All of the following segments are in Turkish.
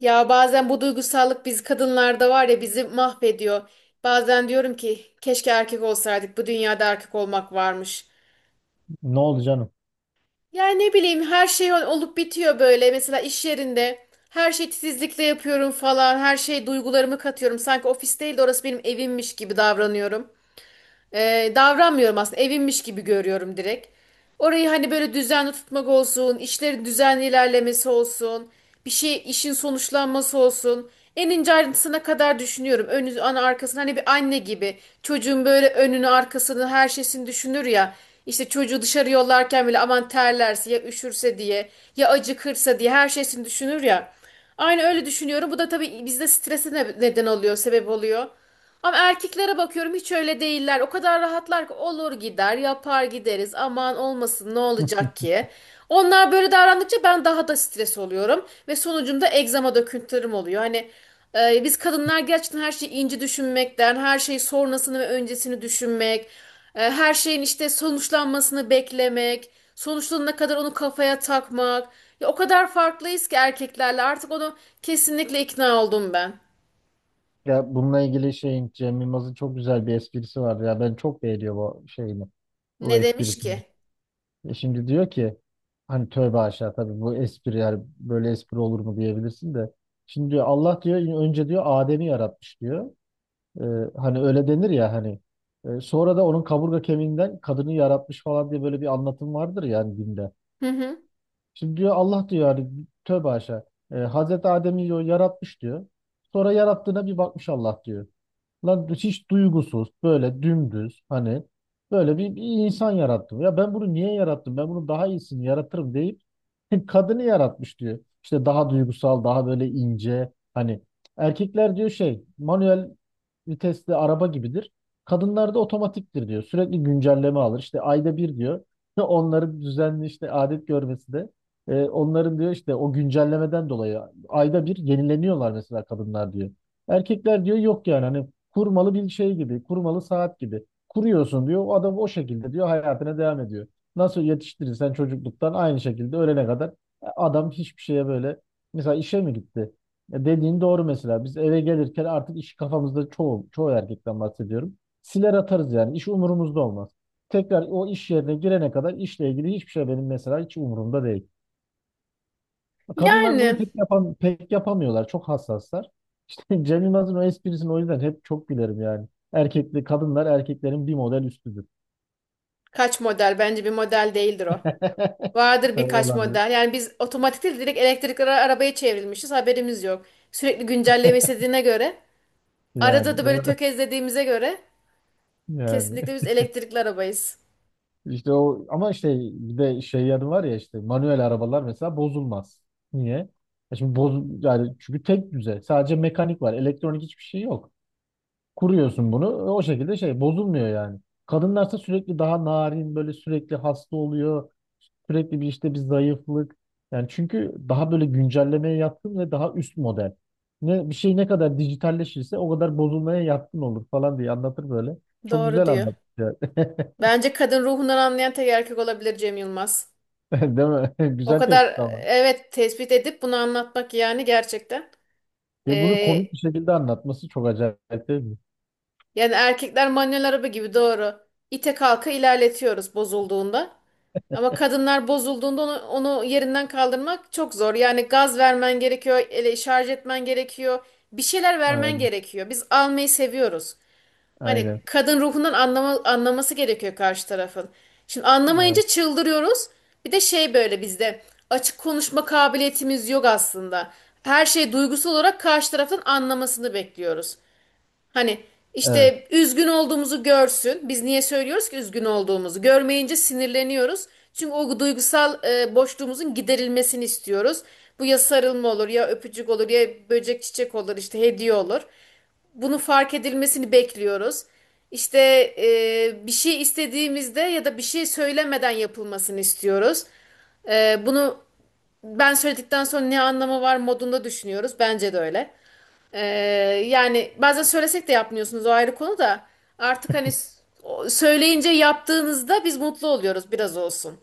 Ya bazen bu duygusallık biz kadınlarda var ya bizi mahvediyor. Bazen diyorum ki keşke erkek olsaydık. Bu dünyada erkek olmak varmış. Ne oldu canım? Yani ne bileyim her şey olup bitiyor böyle. Mesela iş yerinde her şeyi titizlikle yapıyorum falan. Her şey duygularımı katıyorum. Sanki ofis değil de orası benim evimmiş gibi davranıyorum. Davranmıyorum aslında. Evimmiş gibi görüyorum direkt. Orayı hani böyle düzenli tutmak olsun, işlerin düzenli ilerlemesi olsun, bir şey işin sonuçlanması olsun. En ince ayrıntısına kadar düşünüyorum. Önü, ana arkasını hani bir anne gibi çocuğun böyle önünü arkasını her şeysini düşünür ya. İşte çocuğu dışarı yollarken bile aman terlerse ya üşürse diye ya acıkırsa diye her şeysini düşünür ya. Aynı öyle düşünüyorum. Bu da tabii bizde strese neden oluyor, sebep oluyor. Ama erkeklere bakıyorum hiç öyle değiller. O kadar rahatlar ki olur gider, yapar gideriz. Aman olmasın ne olacak ki? Onlar böyle davrandıkça ben daha da stres oluyorum ve sonucunda egzama döküntülerim oluyor. Hani biz kadınlar gerçekten her şeyi ince düşünmekten, her şeyi sonrasını ve öncesini düşünmek, her şeyin işte sonuçlanmasını beklemek, sonuçlanana kadar onu kafaya takmak. Ya o kadar farklıyız ki erkeklerle artık onu kesinlikle ikna oldum ben. Ya bununla ilgili şeyin Cem Yılmaz'ın çok güzel bir esprisi var. Ya ben çok beğeniyor bu şeyini. Bu Ne demiş esprisini. ki? Şimdi diyor ki hani tövbe aşağı, tabii bu espri yani böyle espri olur mu diyebilirsin de. Şimdi diyor Allah diyor önce diyor Adem'i yaratmış diyor. E, hani öyle denir ya hani. Sonra da onun kaburga kemiğinden kadını yaratmış falan diye böyle bir anlatım vardır yani dinde. Hı hı. Şimdi diyor Allah diyor hani tövbe aşağı. Hazreti Adem'i diyor yaratmış diyor. Sonra yarattığına bir bakmış Allah diyor. Lan hiç duygusuz, böyle dümdüz hani böyle bir insan yarattım. Ya ben bunu niye yarattım? Ben bunun daha iyisini yaratırım deyip kadını yaratmış diyor. İşte daha duygusal, daha böyle ince. Hani erkekler diyor şey, manuel vitesli araba gibidir. Kadınlarda otomatiktir diyor. Sürekli güncelleme alır. İşte ayda bir diyor. Onların düzenli işte adet görmesi de onların diyor işte o güncellemeden dolayı ayda bir yenileniyorlar mesela kadınlar diyor. Erkekler diyor yok yani hani kurmalı bir şey gibi, kurmalı saat gibi. Kuruyorsun diyor. O adam o şekilde diyor hayatına devam ediyor. Nasıl yetiştirirsen çocukluktan aynı şekilde ölene kadar adam hiçbir şeye böyle mesela işe mi gitti? Ya dediğin doğru mesela. Biz eve gelirken artık işi kafamızda çoğu erkekten bahsediyorum. Siler atarız yani. İş umurumuzda olmaz. Tekrar o iş yerine girene kadar işle ilgili hiçbir şey benim mesela hiç umurumda değil. Kadınlar bunu Yani pek yapamıyorlar. Çok hassaslar. İşte Cem Yılmaz'ın o esprisini o yüzden hep çok gülerim yani. Erkekli kadınlar erkeklerin bir model üstüdür. kaç model bence bir model değildir o. Vardır birkaç Olan model. Yani biz otomatik değil direkt elektrikli arabaya çevrilmişiz haberimiz yok. Sürekli güncelleme istediğine göre yani. arada da böyle tökezlediğimize göre Yani. kesinlikle biz elektrikli arabayız. İşte o ama işte bir de şey yanı var ya işte manuel arabalar mesela bozulmaz. Niye? Ya şimdi yani çünkü tek düze. Sadece mekanik var. Elektronik hiçbir şey yok. Kuruyorsun bunu o şekilde şey bozulmuyor yani. Kadınlarsa sürekli daha narin böyle sürekli hasta oluyor. Sürekli bir işte bir zayıflık. Yani çünkü daha böyle güncellemeye yatkın ve daha üst model. Ne, bir şey ne kadar dijitalleşirse o kadar bozulmaya yatkın olur falan diye anlatır böyle. Çok Doğru güzel diyor. anlatır yani. Bence kadın ruhundan anlayan tek erkek olabilir Cem Yılmaz. Değil mi? O Güzel tespit kadar ama. evet tespit edip bunu anlatmak yani gerçekten. Ve bunu Ee, komik bir şekilde anlatması çok acayip değil mi? Yani erkekler manuel araba gibi doğru. İte kalka ilerletiyoruz bozulduğunda. Ama kadınlar bozulduğunda onu yerinden kaldırmak çok zor. Yani gaz vermen gerekiyor, ele şarj etmen gerekiyor. Bir şeyler vermen Aynen. gerekiyor. Biz almayı seviyoruz. Hani Aynen. kadın ruhundan anlaması gerekiyor karşı tarafın. Şimdi anlamayınca Evet. çıldırıyoruz. Bir de şey böyle bizde açık konuşma kabiliyetimiz yok aslında. Her şeyi duygusal olarak karşı tarafın anlamasını bekliyoruz. Hani Evet. işte üzgün olduğumuzu görsün. Biz niye söylüyoruz ki üzgün olduğumuzu? Görmeyince sinirleniyoruz. Çünkü o duygusal boşluğumuzun giderilmesini istiyoruz. Bu ya sarılma olur, ya öpücük olur, ya böcek çiçek olur, işte hediye olur. Bunu fark edilmesini bekliyoruz. İşte bir şey istediğimizde ya da bir şey söylemeden yapılmasını istiyoruz. Bunu ben söyledikten sonra ne anlamı var modunda düşünüyoruz. Bence de öyle. Ee, Yani bazen söylesek de yapmıyorsunuz o ayrı konu da artık hani söyleyince yaptığınızda biz mutlu oluyoruz biraz olsun.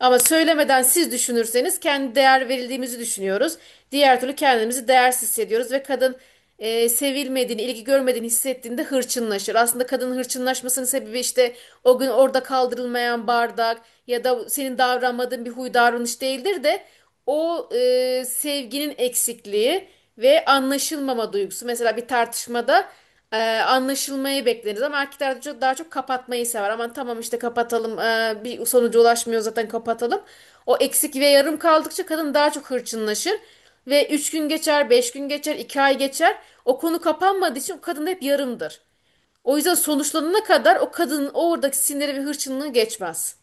Ama söylemeden siz düşünürseniz kendi değer verildiğimizi düşünüyoruz. Diğer türlü kendimizi değersiz hissediyoruz ve kadın sevilmediğini, ilgi görmediğini hissettiğinde hırçınlaşır. Aslında kadının hırçınlaşmasının sebebi işte o gün orada kaldırılmayan bardak ya da senin davranmadığın bir huy davranış değildir de o sevginin eksikliği ve anlaşılmama duygusu. Mesela bir tartışmada anlaşılmayı bekleriz ama erkekler de çok, daha çok kapatmayı sever. Aman tamam işte kapatalım bir sonuca ulaşmıyor zaten kapatalım. O eksik ve yarım kaldıkça kadın daha çok hırçınlaşır. Ve 3 gün geçer, 5 gün geçer, 2 ay geçer. O konu kapanmadığı için o kadın hep yarımdır. O yüzden sonuçlanana kadar o kadının oradaki siniri ve hırçınlığı geçmez.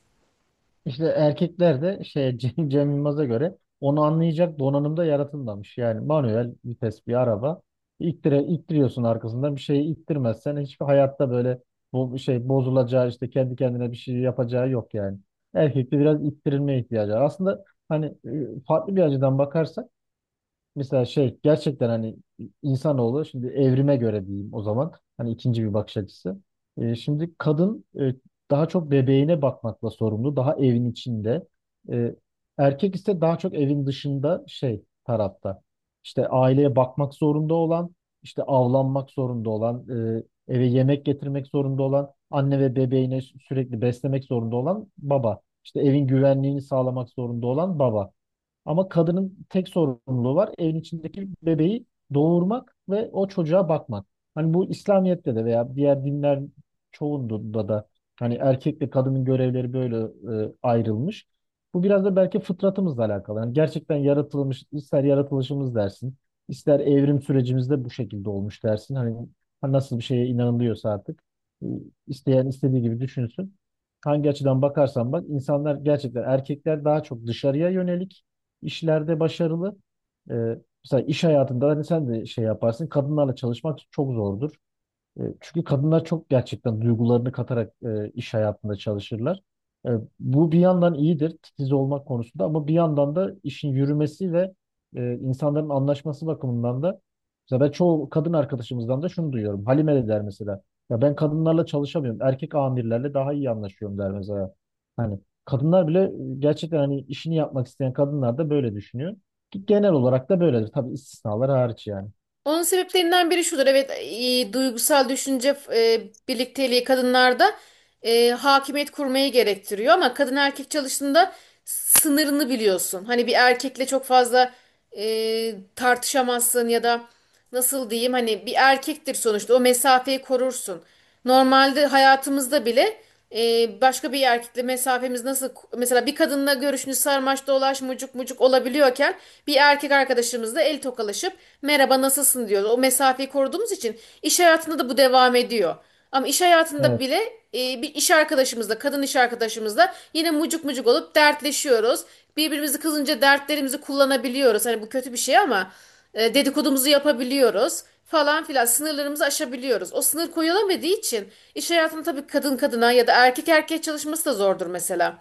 İşte erkekler de şey Cem Yılmaz'a göre onu anlayacak donanımda yaratılmamış. Yani manuel vites bir araba. İttiriyorsun arkasından bir şeyi ittirmezsen hiçbir hayatta böyle bu şey bozulacağı işte kendi kendine bir şey yapacağı yok yani. Erkekte biraz ittirilmeye ihtiyacı var. Aslında hani farklı bir açıdan bakarsak mesela şey gerçekten hani insanoğlu şimdi evrime göre diyeyim o zaman hani ikinci bir bakış açısı. Şimdi kadın daha çok bebeğine bakmakla sorumlu, daha evin içinde. E, Erkek ise daha çok evin dışında şey tarafta. İşte aileye bakmak zorunda olan, işte avlanmak zorunda olan, eve yemek getirmek zorunda olan, anne ve bebeğine sürekli beslemek zorunda olan baba. İşte evin güvenliğini sağlamak zorunda olan baba. Ama kadının tek sorumluluğu var. Evin içindeki bebeği doğurmak ve o çocuğa bakmak. Hani bu İslamiyet'te de veya diğer dinler çoğunda da hani erkekle kadının görevleri böyle ayrılmış. Bu biraz da belki fıtratımızla alakalı. Yani gerçekten yaratılmış, ister yaratılışımız dersin, ister evrim sürecimizde bu şekilde olmuş dersin. Hani nasıl bir şeye inanılıyorsa artık e, isteyen istediği gibi düşünsün. Hangi açıdan bakarsan bak insanlar gerçekten erkekler daha çok dışarıya yönelik işlerde başarılı. Ee, mesela iş hayatında hani sen de şey yaparsın. Kadınlarla çalışmak çok zordur. Çünkü kadınlar çok gerçekten duygularını katarak iş hayatında çalışırlar. E, Bu bir yandan iyidir titiz olmak konusunda ama bir yandan da işin yürümesi ve insanların anlaşması bakımından da mesela ben çoğu kadın arkadaşımızdan da şunu duyuyorum. Halime de der mesela. Ya ben kadınlarla çalışamıyorum. Erkek amirlerle daha iyi anlaşıyorum der mesela. Hani kadınlar bile gerçekten hani işini yapmak isteyen kadınlar da böyle düşünüyor. Ki genel olarak da böyledir. Tabii istisnalar hariç yani. Onun sebeplerinden biri şudur. Evet, duygusal düşünce birlikteliği kadınlarda hakimiyet kurmayı gerektiriyor ama kadın erkek çalıştığında sınırını biliyorsun. Hani bir erkekle çok fazla tartışamazsın ya da nasıl diyeyim hani bir erkektir sonuçta o mesafeyi korursun. Normalde hayatımızda bile başka bir erkekle mesafemiz nasıl mesela bir kadınla görüşünü sarmaş dolaş mucuk mucuk olabiliyorken bir erkek arkadaşımızla el tokalaşıp merhaba nasılsın diyoruz. O mesafeyi koruduğumuz için iş hayatında da bu devam ediyor. Ama iş hayatında Evet. bile bir iş arkadaşımızla, kadın iş arkadaşımızla yine mucuk mucuk olup dertleşiyoruz. Birbirimizi kızınca dertlerimizi kullanabiliyoruz. Hani bu kötü bir şey ama dedikodumuzu yapabiliyoruz falan filan. Sınırlarımızı aşabiliyoruz. O sınır koyulamadığı için iş hayatında tabii kadın kadına ya da erkek erkeğe çalışması da zordur mesela.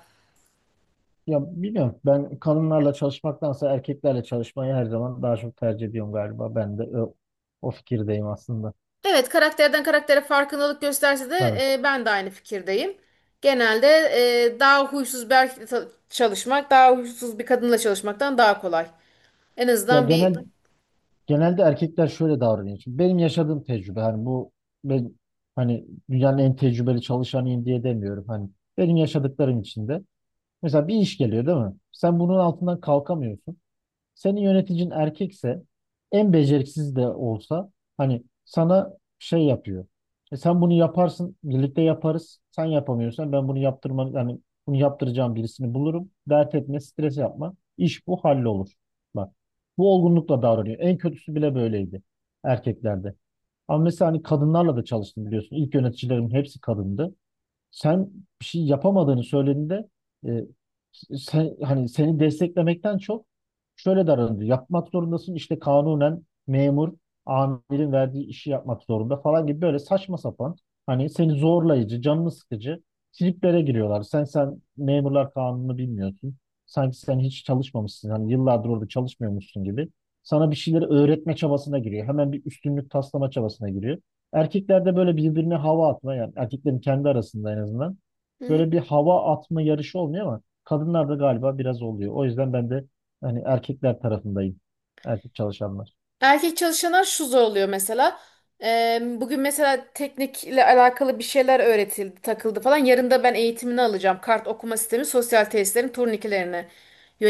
Ya bilmiyorum. Ben kadınlarla çalışmaktansa erkeklerle çalışmayı her zaman daha çok tercih ediyorum galiba. Ben de o fikirdeyim aslında. Evet, karakterden karaktere farkındalık gösterse de Tabii. Ben de aynı fikirdeyim. Genelde daha huysuz bir erkekle çalışmak, daha huysuz bir kadınla çalışmaktan daha kolay. En Ya azından bir. Genelde erkekler şöyle davranıyor. Şimdi benim yaşadığım tecrübe hani bu ben hani dünyanın en tecrübeli çalışanıyım diye demiyorum. Hani benim yaşadıklarım içinde. Mesela bir iş geliyor değil mi? Sen bunun altından kalkamıyorsun. Senin yöneticin erkekse en beceriksiz de olsa hani sana şey yapıyor. E sen bunu yaparsın, birlikte yaparız. Sen yapamıyorsan ben bunu yaptırma yani bunu yaptıracağım birisini bulurum. Dert etme, stres yapma. İş bu hallolur. Bak. Bu olgunlukla davranıyor. En kötüsü bile böyleydi erkeklerde. Ama mesela hani kadınlarla da çalıştım biliyorsun. İlk yöneticilerim hepsi kadındı, sen bir şey yapamadığını söylediğinde e, hani seni desteklemekten çok şöyle davranıyor. Yapmak zorundasın işte kanunen memur amirin verdiği işi yapmak zorunda falan gibi böyle saçma sapan hani seni zorlayıcı, canını sıkıcı triplere giriyorlar. Sen memurlar kanunu bilmiyorsun. Sanki sen hiç çalışmamışsın. Hani yıllardır orada çalışmıyormuşsun gibi. Sana bir şeyleri öğretme çabasına giriyor. Hemen bir üstünlük taslama çabasına giriyor. Erkeklerde böyle birbirine hava atma yani erkeklerin kendi arasında en azından Hı hı. böyle bir hava atma yarışı olmuyor ama kadınlarda galiba biraz oluyor. O yüzden ben de hani erkekler tarafındayım. Erkek çalışanlar. Erkek çalışanlar şu zorluyor mesela. Bugün mesela teknikle alakalı bir şeyler öğretildi, takıldı falan. Yarın da ben eğitimini alacağım. Kart okuma sistemi sosyal tesislerin turnikelerine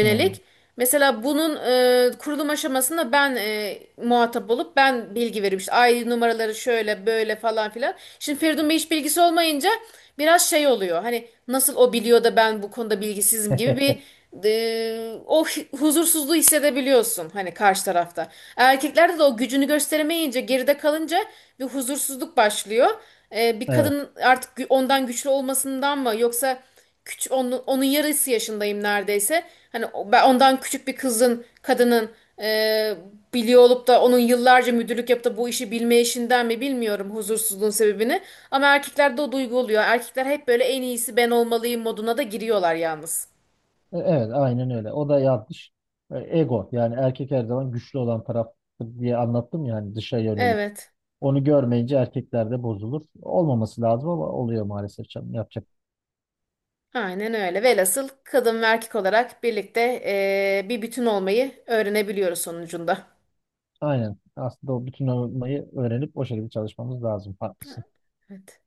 Hmm. Mesela bunun kurulum aşamasında ben muhatap olup ben bilgi veriyorum. İşte ID numaraları şöyle böyle falan filan. Şimdi Feridun Bey hiç bilgisi olmayınca biraz şey oluyor. Hani nasıl o biliyor da ben bu konuda bilgisizim gibi bir o huzursuzluğu hissedebiliyorsun hani karşı tarafta. Erkeklerde de o gücünü gösteremeyince, geride kalınca bir huzursuzluk başlıyor. Bir Evet. kadın artık ondan güçlü olmasından mı yoksa küçük onun, onun yarısı yaşındayım neredeyse. Hani ben ondan küçük bir kızın, kadının e, biliyor olup da onun yıllarca müdürlük yapıp da bu işi bilme işinden mi bilmiyorum huzursuzluğun sebebini. Ama erkeklerde o duygu oluyor. Erkekler hep böyle en iyisi ben olmalıyım moduna da giriyorlar yalnız. Evet, aynen öyle. O da yanlış. Ego yani erkek her zaman güçlü olan taraf diye anlattım ya hani dışa yönelik. Evet. Onu görmeyince erkeklerde bozulur. Olmaması lazım ama oluyor maalesef canım. Yapacak. Aynen öyle. Velhasıl kadın ve erkek olarak birlikte bir bütün olmayı öğrenebiliyoruz sonucunda. Aynen. Aslında o bütün olmayı öğrenip o şekilde çalışmamız lazım. Haklısın. Evet.